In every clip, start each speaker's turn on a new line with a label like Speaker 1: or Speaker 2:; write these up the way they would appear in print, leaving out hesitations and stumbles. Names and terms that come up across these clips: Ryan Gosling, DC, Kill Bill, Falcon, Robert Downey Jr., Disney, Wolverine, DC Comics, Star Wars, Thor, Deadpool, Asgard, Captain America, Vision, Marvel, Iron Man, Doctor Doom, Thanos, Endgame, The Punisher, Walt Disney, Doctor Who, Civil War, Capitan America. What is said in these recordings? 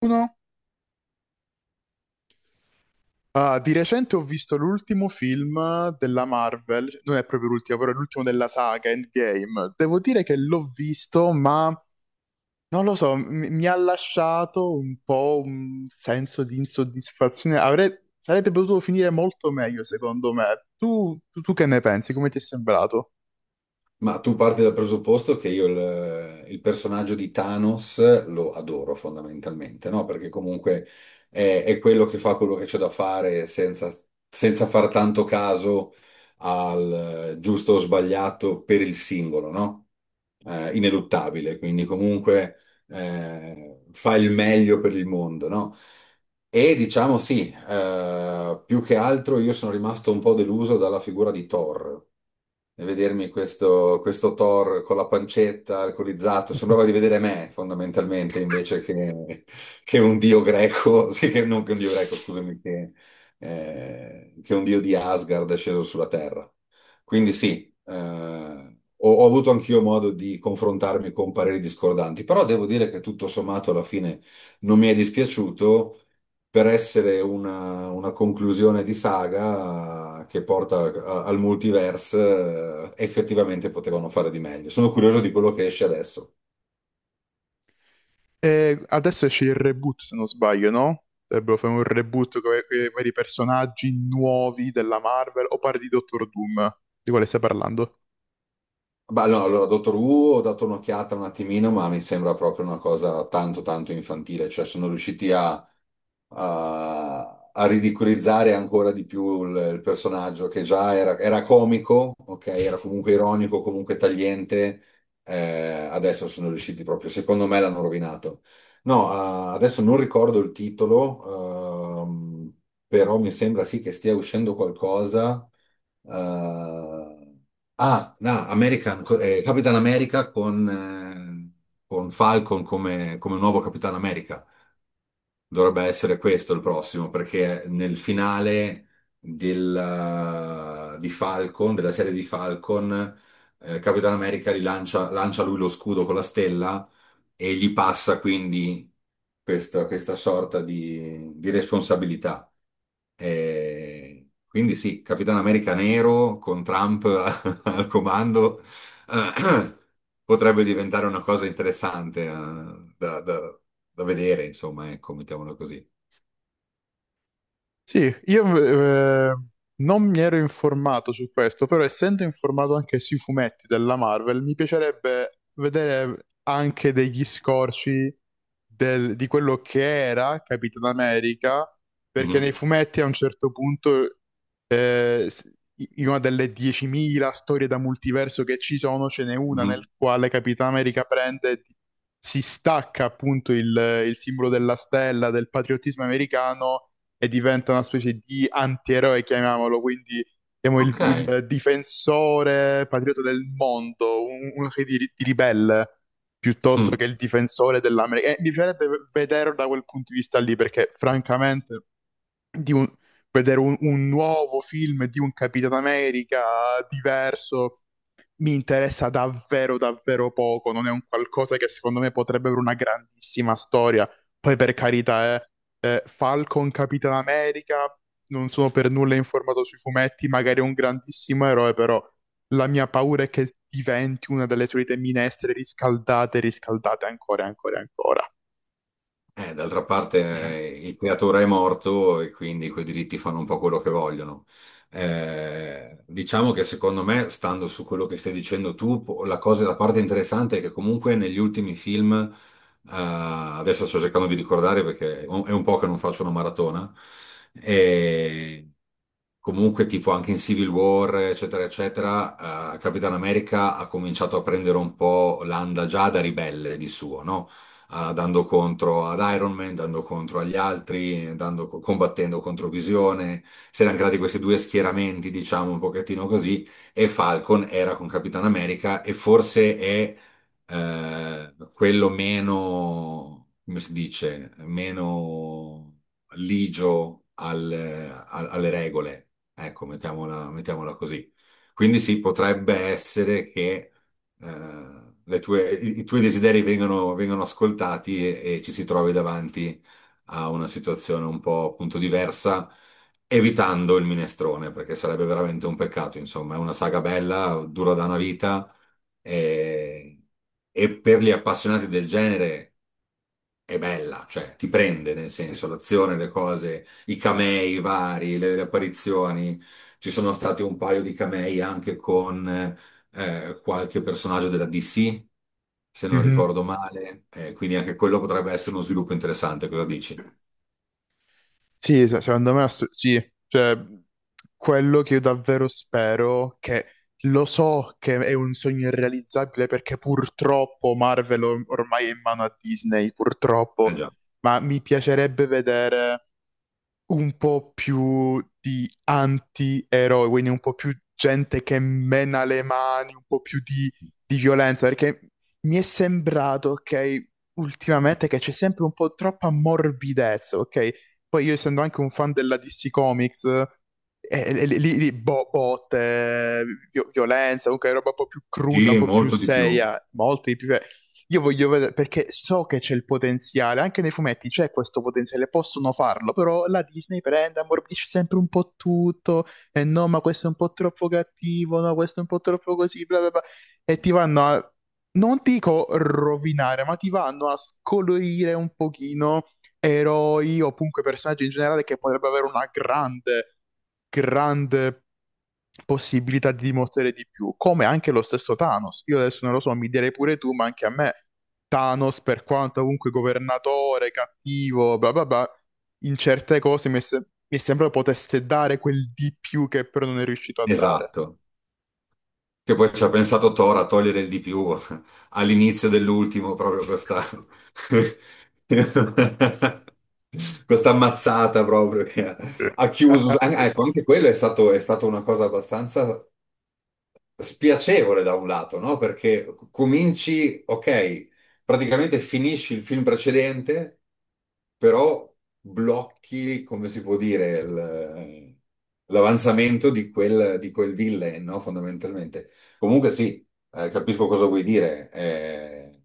Speaker 1: Uno. Di recente ho visto l'ultimo film della Marvel, non è proprio l'ultimo, però è l'ultimo della saga Endgame. Devo dire che l'ho visto, ma non lo so, mi ha lasciato un po' un senso di insoddisfazione. Sarebbe potuto finire molto meglio, secondo me. Tu che ne pensi? Come ti è sembrato?
Speaker 2: Ma tu parti dal presupposto che io il personaggio di Thanos lo adoro fondamentalmente, no? Perché comunque è quello che fa quello che c'è da fare senza far tanto caso al giusto o sbagliato per il singolo, no? Ineluttabile, quindi comunque fa il meglio per il mondo, no? E diciamo sì, più che altro io sono rimasto un po' deluso dalla figura di Thor, e vedermi questo, Thor con la pancetta, alcolizzato, sembrava di vedere me fondamentalmente, invece che un dio greco, sì, che non che un dio greco, scusami, che un dio di Asgard è sceso sulla Terra. Quindi sì, ho avuto anch'io modo di confrontarmi con pareri discordanti, però devo dire che tutto sommato alla fine non mi è dispiaciuto per essere una conclusione di saga che porta al multiverse, effettivamente potevano fare di meglio. Sono curioso di quello che esce adesso.
Speaker 1: E adesso esce il reboot, se non sbaglio, no? Dovrebbero fare un reboot con i vari personaggi nuovi della Marvel, o parli di Doctor Doom? Di quale stai parlando?
Speaker 2: Beh, no, allora, Dottor Who ho dato un'occhiata un attimino, ma mi sembra proprio una cosa tanto tanto infantile, cioè sono riusciti a a ridicolizzare ancora di più il personaggio che già era comico, ok? Era comunque ironico, comunque tagliente. Adesso sono riusciti proprio, secondo me l'hanno rovinato. No, ah, adesso non ricordo il titolo, però mi sembra sì che stia uscendo qualcosa. eh, no, American, Capitan America con Falcon come, come nuovo Capitan America. Dovrebbe essere questo il prossimo, perché nel finale del, di Falcon, della serie di Falcon, Capitan America rilancia, lancia lancia lui lo scudo con la stella e gli passa quindi questa sorta di responsabilità. E quindi sì, Capitan America nero con Trump al comando, eh, potrebbe diventare una cosa interessante, da, da da vedere, insomma, ecco, mettiamola così.
Speaker 1: Sì, io non mi ero informato su questo, però essendo informato anche sui fumetti della Marvel, mi piacerebbe vedere anche degli scorci di quello che era Capitan America, perché
Speaker 2: Mm.
Speaker 1: nei fumetti a un certo punto, eh, s- in una delle 10.000 storie da multiverso che ci sono, ce n'è una nel
Speaker 2: Mhm.
Speaker 1: quale Capitan America prende, e si stacca appunto il simbolo della stella, del patriottismo americano e diventa una specie di antieroe, chiamiamolo, quindi siamo il,
Speaker 2: Ok.
Speaker 1: il difensore patriota del mondo, uno che di ribelle, piuttosto che
Speaker 2: Mm.
Speaker 1: il difensore dell'America. E mi piacerebbe vederlo da quel punto di vista lì, perché francamente di un- vedere un nuovo film di un Capitano America diverso mi interessa davvero, davvero poco. Non è un qualcosa che secondo me potrebbe avere una grandissima storia. Poi, per carità, Falcon, Capitan America, non sono per nulla informato sui fumetti, magari è un grandissimo eroe, però la mia paura è che diventi una delle solite minestre riscaldate, riscaldate ancora, ancora, ancora.
Speaker 2: D'altra parte il creatore è morto e quindi quei diritti fanno un po' quello che vogliono. Diciamo che secondo me, stando su quello che stai dicendo tu, po- la cosa, la parte interessante è che comunque negli ultimi film, adesso sto cercando di ricordare perché è un po' che non faccio una maratona, e comunque tipo anche in Civil War, eccetera, eccetera, Capitan America ha cominciato a prendere un po' l'anda già da ribelle di suo, no? ah, dando contro ad Iron Man, dando contro agli altri, dando- combattendo contro Visione. Si erano creati questi due schieramenti, diciamo un pochettino così, e Falcon era con Capitan America e forse è quello meno, come si dice, meno ligio al- al- alle regole. Ecco, mettiamola, mettiamola così. Quindi sì, potrebbe essere che le tue- i tuoi desideri vengono, vengono ascoltati e ci si trovi davanti a una situazione un po' appunto diversa, evitando il minestrone, perché sarebbe veramente un peccato, insomma, è una saga bella, dura da una vita e, e per gli appassionati del genere è bella, cioè ti prende nel senso l'azione, le cose, i camei vari, le apparizioni. Ci sono stati un paio di camei anche con qualche personaggio della DC, se non
Speaker 1: Mhm.
Speaker 2: ricordo male, quindi anche quello potrebbe essere uno sviluppo interessante, cosa dici?
Speaker 1: Sì, secondo me sì, cioè quello che io davvero spero, che lo so che è un sogno irrealizzabile perché purtroppo Marvel ormai è in mano a Disney, purtroppo,
Speaker 2: Eh già.
Speaker 1: ma mi piacerebbe vedere un po' più di anti-eroi, quindi un po' più gente che mena le mani, un po' più di violenza, perché mi è sembrato, ok, ultimamente che c'è sempre un po' troppa morbidezza, ok? Poi io essendo anche un fan della DC Comics, lì, lì botte, violenza, comunque roba un po' più cruda, un
Speaker 2: Sì,
Speaker 1: po' più
Speaker 2: molto di più.
Speaker 1: seria, molto di più. Io voglio vedere perché so che c'è il potenziale, anche nei fumetti c'è questo potenziale, possono farlo, però la Disney prende, ammorbidisce sempre un po' tutto, e no, ma questo è un po' troppo cattivo, no, questo è un po' troppo così, bla bla bla, e ti vanno a, non dico rovinare, ma ti vanno a scolorire un pochino eroi o comunque personaggi in generale che potrebbero avere una grande, grande possibilità di dimostrare di più, come anche lo stesso Thanos. Io adesso non lo so, mi direi pure tu, ma anche a me Thanos, per quanto comunque governatore, cattivo, bla bla bla, in certe cose mi è, mi è sembrato potesse dare quel di più che però non è riuscito a dare.
Speaker 2: Esatto. Che poi ci ha pensato Thor a togliere il di più all'inizio dell'ultimo, proprio questa, questa ammazzata proprio che ha ha chiuso. An- Ecco, anche quello è stato, è stata una cosa abbastanza spiacevole da un lato, no? Perché c- cominci, ok, praticamente finisci il film precedente, però blocchi, come si può dire, il- l'avanzamento di quel villain, no? Fondamentalmente. Comunque sì, capisco cosa vuoi dire.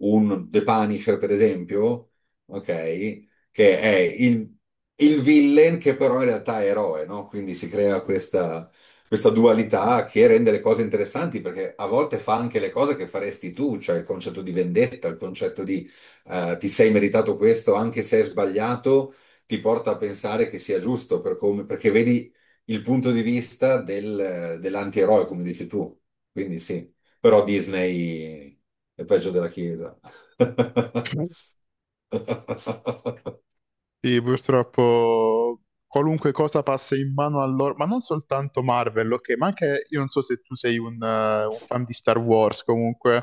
Speaker 2: Un The Punisher, per esempio, ok, che è il villain che però in realtà è eroe, no? Quindi si crea questa dualità che rende le cose interessanti perché a volte fa anche le cose che faresti tu, cioè il concetto di vendetta, il concetto di ti sei meritato questo anche se è sbagliato, ti porta a pensare che sia giusto per come- perché vedi il punto di vista del- dell'antieroe, come dici tu. Quindi sì, però Disney è peggio della Chiesa.
Speaker 1: Sì, purtroppo qualunque cosa passa in mano a loro, ma non soltanto Marvel, ok, ma anche io non so se tu sei un fan di Star Wars comunque,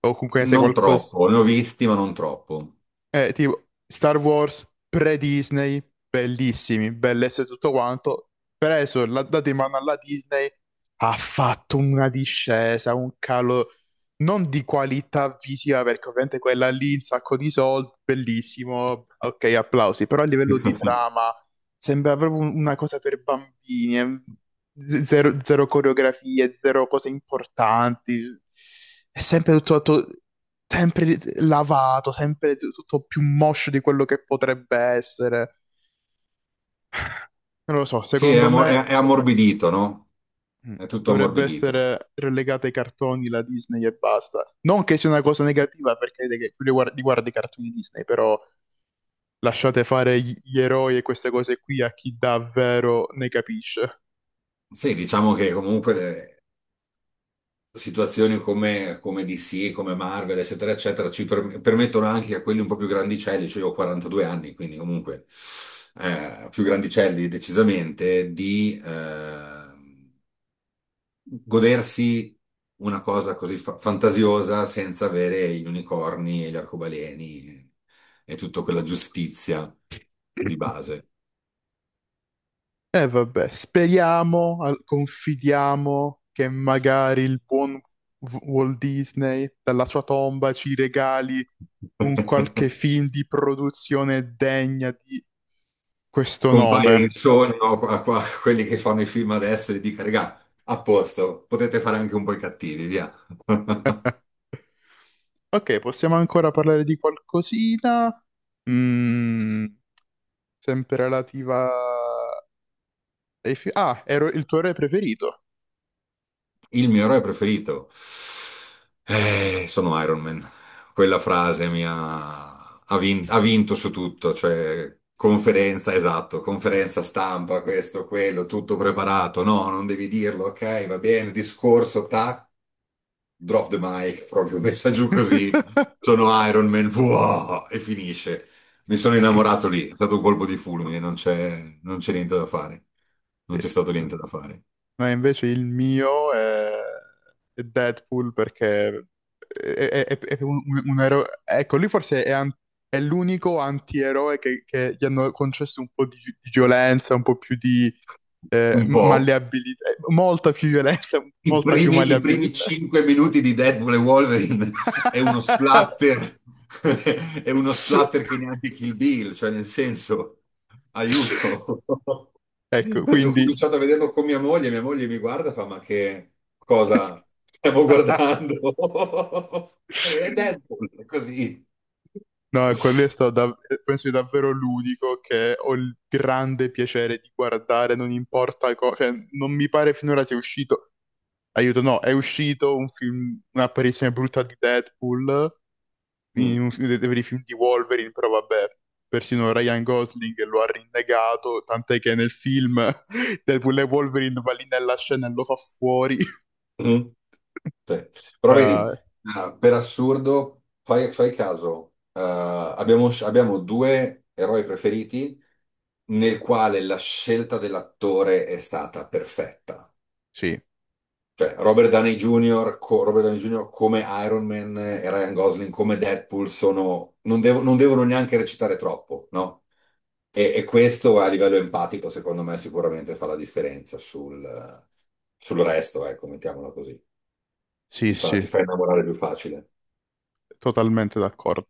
Speaker 1: o comunque ne sai
Speaker 2: Non
Speaker 1: qualcosa,
Speaker 2: troppo, ne ho visti, ma non troppo.
Speaker 1: tipo Star Wars pre-Disney, bellissimi, bellezze e tutto quanto, preso, l'ha dato in mano alla Disney, ha fatto una discesa, un calo non di qualità visiva, perché ovviamente quella lì, un sacco di soldi, bellissimo, ok, applausi, però a livello di trama sembra proprio una cosa per bambini, zero, zero coreografie, zero cose importanti, è sempre tutto tutto sempre lavato, sempre tutto più moscio di quello che potrebbe essere. Non lo so,
Speaker 2: Sì, è,
Speaker 1: secondo
Speaker 2: ammo-
Speaker 1: me
Speaker 2: è ammorbidito, no? È tutto
Speaker 1: dovrebbe
Speaker 2: ammorbidito.
Speaker 1: essere relegata ai cartoni la Disney e basta. Non che sia una cosa negativa perché che più li guardi i cartoni Disney, però lasciate fare gli eroi e queste cose qui a chi davvero ne capisce.
Speaker 2: Sì, diciamo che comunque le situazioni come, come DC, come Marvel, eccetera, eccetera, ci per- permettono anche a quelli un po' più grandicelli, cioè io ho 42 anni, quindi comunque più grandicelli decisamente, di godersi una cosa così fa- fantasiosa senza avere gli unicorni e gli arcobaleni e tutta quella giustizia di base.
Speaker 1: E vabbè, speriamo, confidiamo che magari il buon Walt Disney dalla sua tomba ci regali un qualche film di produzione degna di questo
Speaker 2: Compaia in
Speaker 1: nome.
Speaker 2: sogno a, a- a quelli che fanno i film adesso e gli dica, regà, a posto, potete fare anche un po' i cattivi, via.
Speaker 1: Ok, possiamo ancora parlare di qualcosina? Mm, sempre relativa ah, ero il tuo re preferito.
Speaker 2: Il mio eroe preferito. Sono Iron Man. Quella frase mi ha, ha vin- ha vinto su tutto, cioè conferenza, esatto, conferenza stampa, questo, quello, tutto preparato. No, non devi dirlo, ok, va bene, discorso, tac. Drop the mic, proprio messa giù così. Sono Iron Man, wow, e finisce. Mi sono innamorato lì, è stato un colpo di fulmine, non c'è non c'è niente da fare. Non
Speaker 1: Sì.
Speaker 2: c'è stato
Speaker 1: Mm.
Speaker 2: niente da fare.
Speaker 1: No, invece il mio è Deadpool perché è, è un eroe. Ecco, lui forse è, è l'unico antieroe che gli hanno concesso un po' di, di violenza, un po' più di
Speaker 2: Un po',
Speaker 1: malleabilità, molta più violenza, molta più
Speaker 2: i primi
Speaker 1: malleabilità.
Speaker 2: 5 minuti di Deadpool e Wolverine è uno splatter, è uno splatter che neanche Kill Bill, cioè nel senso, aiuto.
Speaker 1: Ecco,
Speaker 2: Ho
Speaker 1: quindi
Speaker 2: cominciato a vederlo con mia moglie mi guarda e fa, ma che cosa stiamo guardando? È Deadpool, è così.
Speaker 1: no, e quello è stato penso sia davvero l'unico che ho il grande piacere di guardare, non importa cosa, cioè, non mi pare finora sia uscito, aiuto, no, è uscito un film, un'apparizione brutta di Deadpool in
Speaker 2: Mm.
Speaker 1: dei veri film di Wolverine, però vabbè, persino Ryan Gosling lo ha rinnegato, tant'è che nel film Deadpool e Wolverine va lì nella scena e lo fa fuori.
Speaker 2: Mm. Sì. Però vedi,
Speaker 1: Eh,
Speaker 2: per assurdo, fai, fai caso, abbiamo, sc- abbiamo due eroi preferiti nel quale la scelta dell'attore è stata perfetta.
Speaker 1: sì,
Speaker 2: Cioè, Robert Downey Jr., co- Robert Downey Jr. come Iron Man e Ryan Gosling come Deadpool sono, non, devo- non devono neanche recitare troppo, no? E questo a livello empatico, secondo me, sicuramente fa la differenza sul, sul resto, ecco, mettiamola così.
Speaker 1: sì, sì,
Speaker 2: Ti fa innamorare più facile.
Speaker 1: totalmente d'accordo.